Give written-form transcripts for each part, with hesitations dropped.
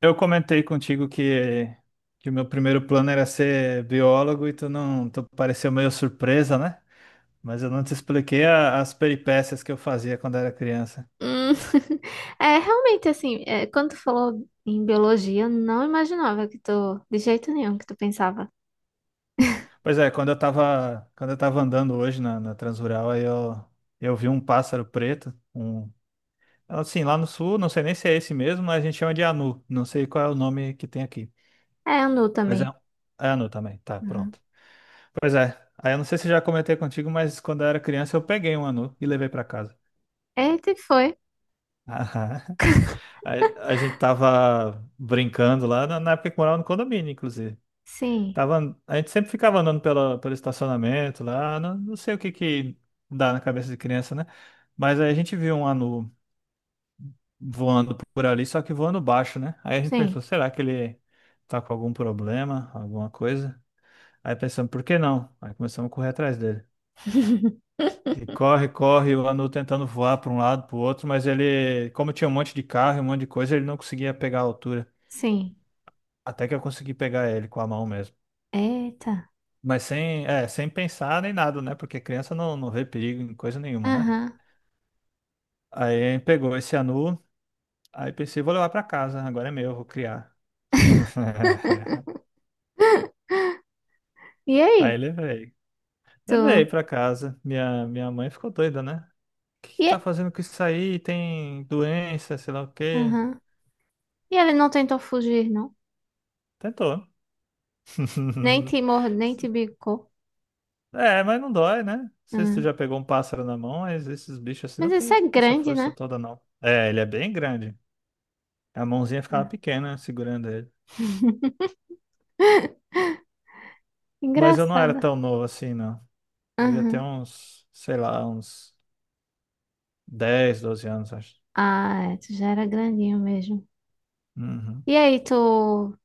Eu comentei contigo que o meu primeiro plano era ser biólogo e tu não, tu pareceu meio surpresa, né? Mas eu não te expliquei as peripécias que eu fazia quando era criança. Hum, é realmente assim, é, quando tu falou em biologia, eu não imaginava que tu, de jeito nenhum que tu pensava. Pois é, quando eu tava andando hoje na Transrural, eu vi um pássaro preto, assim, lá no sul, não sei nem se é esse mesmo, mas a gente chama de anu, não sei qual é o nome que tem aqui. É, anu Mas também. é anu também, tá, Uhum. pronto. Pois é, aí eu não sei se já comentei contigo, mas quando eu era criança eu peguei um anu e levei pra casa. Eita, e foi. A, a gente tava brincando lá na época que morava no condomínio, inclusive. Sim, Tava, a gente sempre ficava andando pela, pelo estacionamento lá, não sei o que que dá na cabeça de criança, né? Mas aí a gente viu um anu voando por ali, só que voando baixo, né? Aí a gente pensou, sim, será que ele tá com algum problema, alguma coisa? Aí pensamos, por que não? Aí começamos a correr atrás dele. E corre, corre, o anu tentando voar para um lado, para o outro, mas ele, como tinha um monte de carro, e um monte de coisa, ele não conseguia pegar a altura. sim. Até que eu consegui pegar ele com a mão mesmo. Eita. Mas sem, é, sem pensar nem nada, né? Porque criança não vê perigo em coisa nenhuma, né? Aham. Aí pegou esse anu, aí pensei, vou levar pra casa, agora é meu, vou criar. E Aí aí, levei. Levei tu? pra casa. Minha mãe ficou doida, né? O que que E, tá fazendo com isso aí? Tem doença, sei lá o quê. aham. E ele não tentou fugir, não? Tentou. Nem te mor... nem te bicou. É, mas não dói, né? Não sei se tu Hum. já pegou um pássaro na mão, mas esses bichos assim Mas não isso tem é essa grande, força né? toda, não. É, ele é bem grande. A mãozinha ficava Ah. pequena né, segurando ele. Mas eu não era Engraçada. tão novo assim, não. Devia ter uns, sei lá, uns 10, 12 anos, acho. Ah, é, tu já era grandinho mesmo. Uhum. E aí,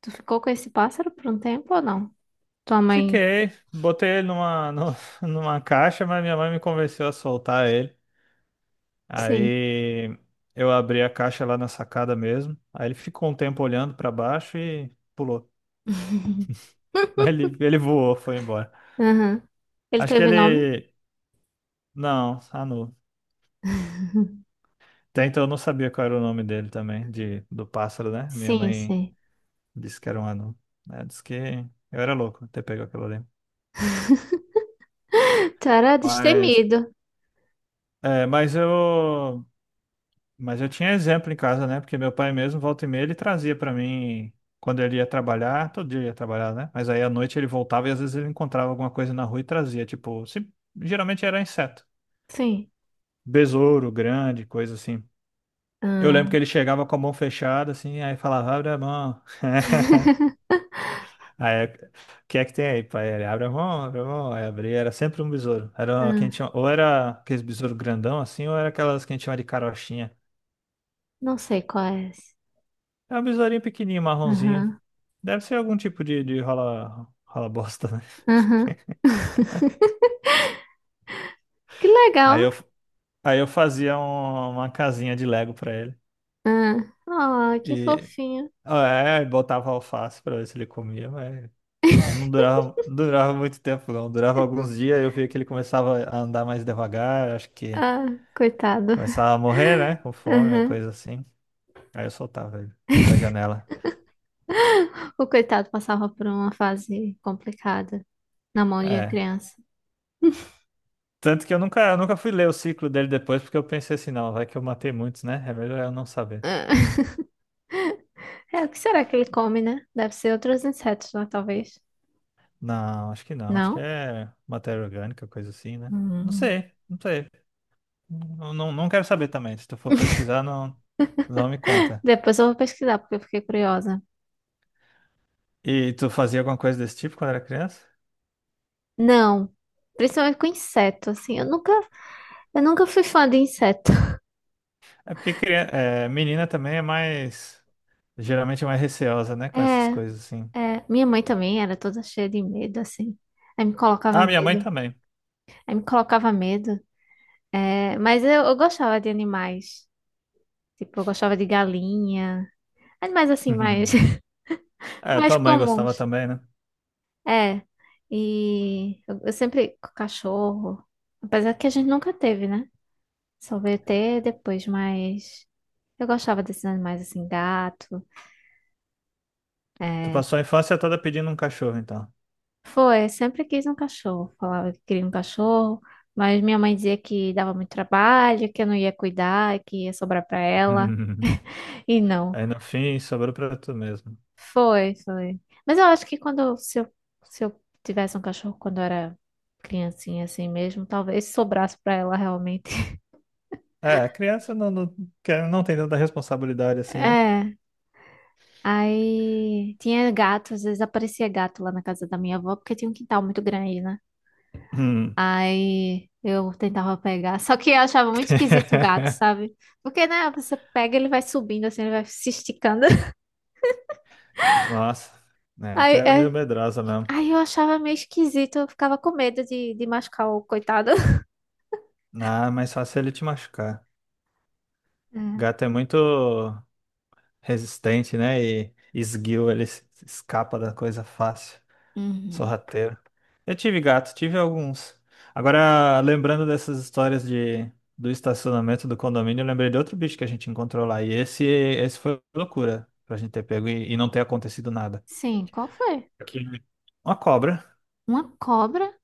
tu ficou com esse pássaro por um tempo ou não? Tua mãe? Fiquei, botei ele numa, numa caixa, mas minha mãe me convenceu a soltar ele. Sim. Aí eu abri a caixa lá na sacada mesmo. Aí ele ficou um tempo olhando pra baixo e pulou. Mas ele voou, foi embora. Aham. Ele Acho que teve nome? ele. Não, Anu. Até então eu não sabia qual era o nome dele também, de, do pássaro, né? Minha Sim, mãe sim. disse que era um anão, né? Disse que eu era louco ter pego aquilo ali. Tu era Mas, destemido. é, mas eu, mas eu tinha exemplo em casa, né? Porque meu pai mesmo, volta e meia, ele trazia pra mim quando ele ia trabalhar, todo dia ele ia trabalhar, né? Mas aí à noite ele voltava e às vezes ele encontrava alguma coisa na rua e trazia, tipo, geralmente era inseto, Sim. besouro grande, coisa assim. Eu lembro que Ah. ele chegava com a mão fechada, assim, aí falava, abre a mão. Aí, o que é que tem aí, pai? Ele abre a mão, aí abri, era sempre um besouro. Era o que a gente Ah, ou era aqueles besouros grandão assim, ou era aquelas que a gente chama de carochinha. não sei qual é esse. É um besourinho pequenininho, marronzinho. Aham, Deve ser algum tipo de rola, rola bosta, né? aham. Que Aí eu, legal. aí eu fazia uma casinha de Lego pra ele. Ah, ah, que E fofinho. ah, é, aí botava alface pra ver se ele comia, mas isso não durava muito tempo, não. Durava alguns dias, eu via que ele começava a andar mais devagar, acho que Ah, coitado. começava a morrer, né? Com fome ou Aham. coisa assim. Aí eu soltava ele da janela. O coitado passava por uma fase complicada na mão de uma É. criança. Tanto que eu nunca fui ler o ciclo dele depois, porque eu pensei assim, não, vai que eu matei muitos, né? É melhor eu não saber. É, o que será que ele come, né? Deve ser outros insetos, né, talvez. Não, acho que não. Acho que Não? é matéria orgânica, coisa assim, né? Não Hum. sei, não sei. Não, não, não quero saber também. Se tu for pesquisar, não, não me conta. Depois eu vou pesquisar, porque eu fiquei curiosa. E tu fazia alguma coisa desse tipo quando era criança? Não, principalmente com inseto, assim. Eu nunca fui fã de inseto. É porque é, menina também é mais, geralmente é mais receosa, né? Com essas É, coisas assim. é. Minha mãe também era toda cheia de medo, assim. Aí me colocava Ah, minha mãe medo. também. Aí me colocava medo. É, eu gostava de animais. Tipo, eu gostava de galinha. Animais, assim, mais, É, mais tua mãe gostava comuns. também, né? É, eu sempre com cachorro, apesar que a gente nunca teve, né? Só veio ter depois, mas eu gostava desses animais assim, gato. Tu É, passou a infância toda pedindo um cachorro, então. foi, sempre quis um cachorro. Falava que queria um cachorro, mas minha mãe dizia que dava muito trabalho, que eu não ia cuidar, que ia sobrar pra ela. E não, Aí no fim sobrou pra tu mesmo. foi, foi. Mas eu acho que quando, se eu, se eu tivesse um cachorro quando eu era criancinha assim mesmo, talvez sobrasse pra ela realmente. É, criança quer- não tem tanta responsabilidade assim, né? É. Aí tinha gato, às vezes aparecia gato lá na casa da minha avó, porque tinha um quintal muito grande, né? Hum. Aí eu tentava pegar, só que eu achava muito esquisito o gato, sabe? Porque, né, você pega, ele vai subindo assim, ele vai se esticando. Nossa, né? Então Aí, era meio é- medrosa mesmo. aí eu achava meio esquisito, eu ficava com medo de machucar o coitado. Ah, mas fácil ele te machucar. É. Gato é muito resistente, né? E esguio, ele se escapa da coisa fácil. Uhum. Sorrateiro. Eu tive gato, tive alguns. Agora, lembrando dessas histórias de, do estacionamento do condomínio, eu lembrei de outro bicho que a gente encontrou lá. E esse foi loucura pra gente ter pego e não ter acontecido nada. Sim, qual foi? Que- uma cobra. Uma cobra?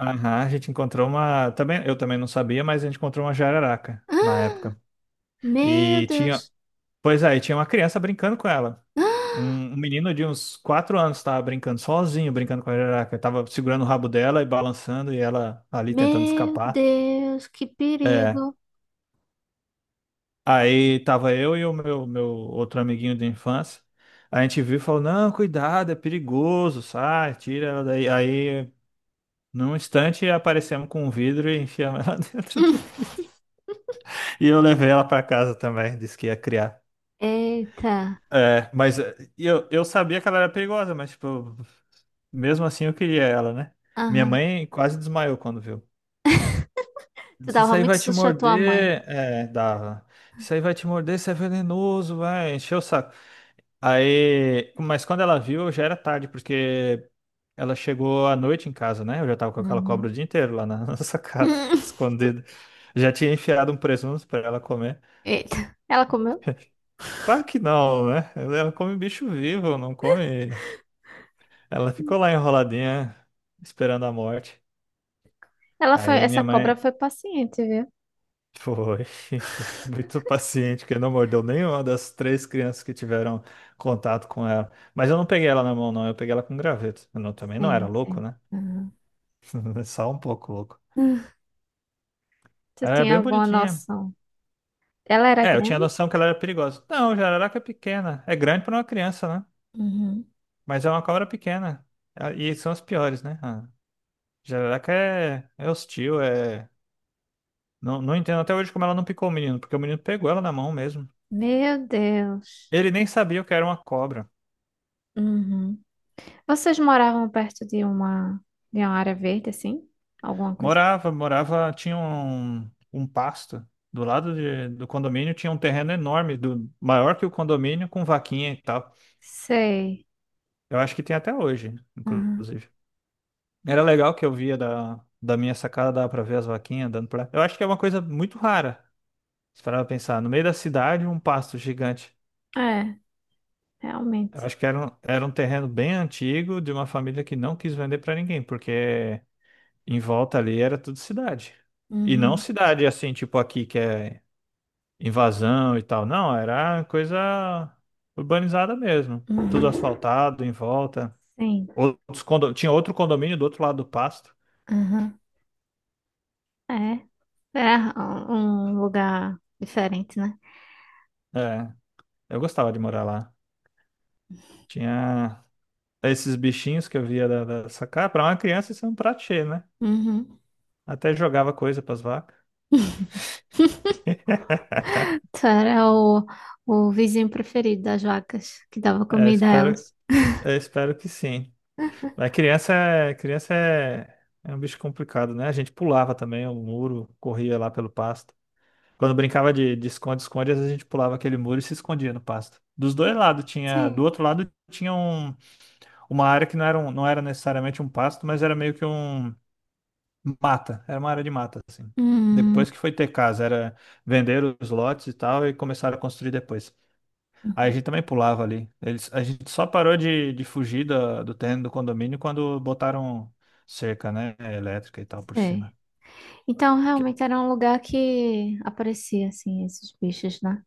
Aham, a gente encontrou uma. Também, eu também não sabia, mas a gente encontrou uma jararaca na Ah, época. meu E tinha. Deus! Pois aí, tinha uma criança brincando com ela. Um menino de uns 4 anos estava brincando sozinho, brincando com a jararaca. Tava segurando o rabo dela e balançando, e ela ali tentando Meu escapar. Deus, que É. perigo! Aí tava eu e o meu outro amiguinho de infância. A gente viu e falou: Não, cuidado, é perigoso, sai, tira ela daí. Aí, num instante, aparecemos com um vidro e enfiamos ela dentro do vidro. E eu levei ela pra casa também, disse que ia criar. Eita! É, mas é, eu sabia que ela era perigosa, mas tipo, mesmo assim, eu queria ela, né? Minha Aham. mãe quase desmaiou quando viu. Tu Se isso dava aí muito vai te susto à tua mãe. morder, é, dava. Isso aí vai te morder, isso é venenoso, vai, encheu o saco. Aí, mas quando ela viu, já era tarde, porque ela chegou à noite em casa, né? Eu já tava com aquela cobra Uhum. o dia inteiro lá na, na sacada, escondida. Já tinha enfiado um presunto pra ela comer. Eita. Ela comeu? Claro que não, né? Ela come bicho vivo, não come. Ela ficou lá enroladinha, esperando a morte. Ela foi, Aí essa minha cobra mãe. foi paciente, viu? Foi, foi muito paciente, que não mordeu nenhuma das três crianças que tiveram contato com ela. Mas eu não peguei ela na mão, não, eu peguei ela com graveto. Eu não- também não era Sim, louco, sim. né? Uhum. Só um pouco louco. Tu Ela era tinha bem alguma bonitinha. noção? Ela era É, eu tinha grande? noção que ela era perigosa. Não, jararaca é pequena. É grande para uma criança, né? Uhum. Mas é uma cobra pequena. Ah, e são as piores, né? Ah, jararaca é hostil, é. Não, não entendo até hoje como ela não picou o menino, porque o menino pegou ela na mão mesmo. Meu Deus. Ele nem sabia o que era uma cobra. Uhum. Vocês moravam perto de uma área verde, assim? Alguma coisa? Morava, morava, tinha um pasto. Do condomínio tinha um terreno enorme, do, maior que o condomínio, com vaquinha e tal. Sei. Eu acho que tem até hoje, Uhum. inclusive. Era legal que eu via da minha sacada, dava pra ver as vaquinhas dando pra. Eu acho que é uma coisa muito rara. Se parar pra pensar, no meio da cidade, um pasto gigante. É, Eu realmente. acho que era um terreno bem antigo, de uma família que não quis vender pra ninguém, porque em volta ali era tudo cidade. E não Uhum. cidade assim, tipo aqui, que é invasão e tal. Não, era coisa urbanizada mesmo. Tudo Uhum. asfaltado em volta. Sim. Tinha outro condomínio do outro lado do pasto. Aham. É. É um lugar diferente, né? É, eu gostava de morar lá. Tinha esses bichinhos que eu via da sacada. Para uma criança, isso é um prato cheio, né? Uhum. Até jogava coisa para as vacas. Tu era o, o vizinho preferido das vacas, que dava É, comida a espero, elas. eu espero que sim. Mas criança, criança é um bicho complicado, né? A gente pulava também o muro, corria lá pelo pasto. Quando brincava de esconde-esconde, às vezes a gente pulava aquele muro e se escondia no pasto. Dos dois lados tinha, do Sim. outro lado tinha uma área que não era, não era necessariamente um pasto, mas era meio que um mata, era uma área de mata assim. Hum. Depois que foi ter casa, era vender os lotes e tal e começaram a construir depois. Aí a Uhum. gente também pulava ali. Eles, a gente só parou de fugir do terreno do condomínio quando botaram cerca, né, elétrica e tal por cima. Sei. Então, Que- realmente era um lugar que aparecia, assim, esses bichos, né?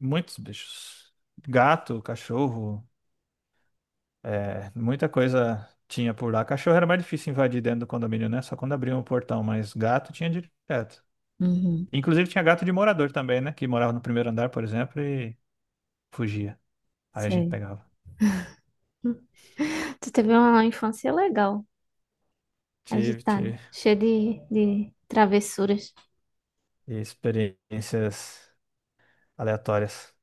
muitos bichos. Gato, cachorro, é, muita coisa tinha por lá. Cachorro era mais difícil invadir dentro do condomínio, né? Só quando abriam o portão, mas gato tinha direto. Uhum. Inclusive tinha gato de morador também, né? Que morava no primeiro andar, por exemplo, e fugia. Aí a gente Sei. pegava. Hum, Tu teve uma infância legal, Tive, agitada, tive cheia de travessuras. experiências aleatórias.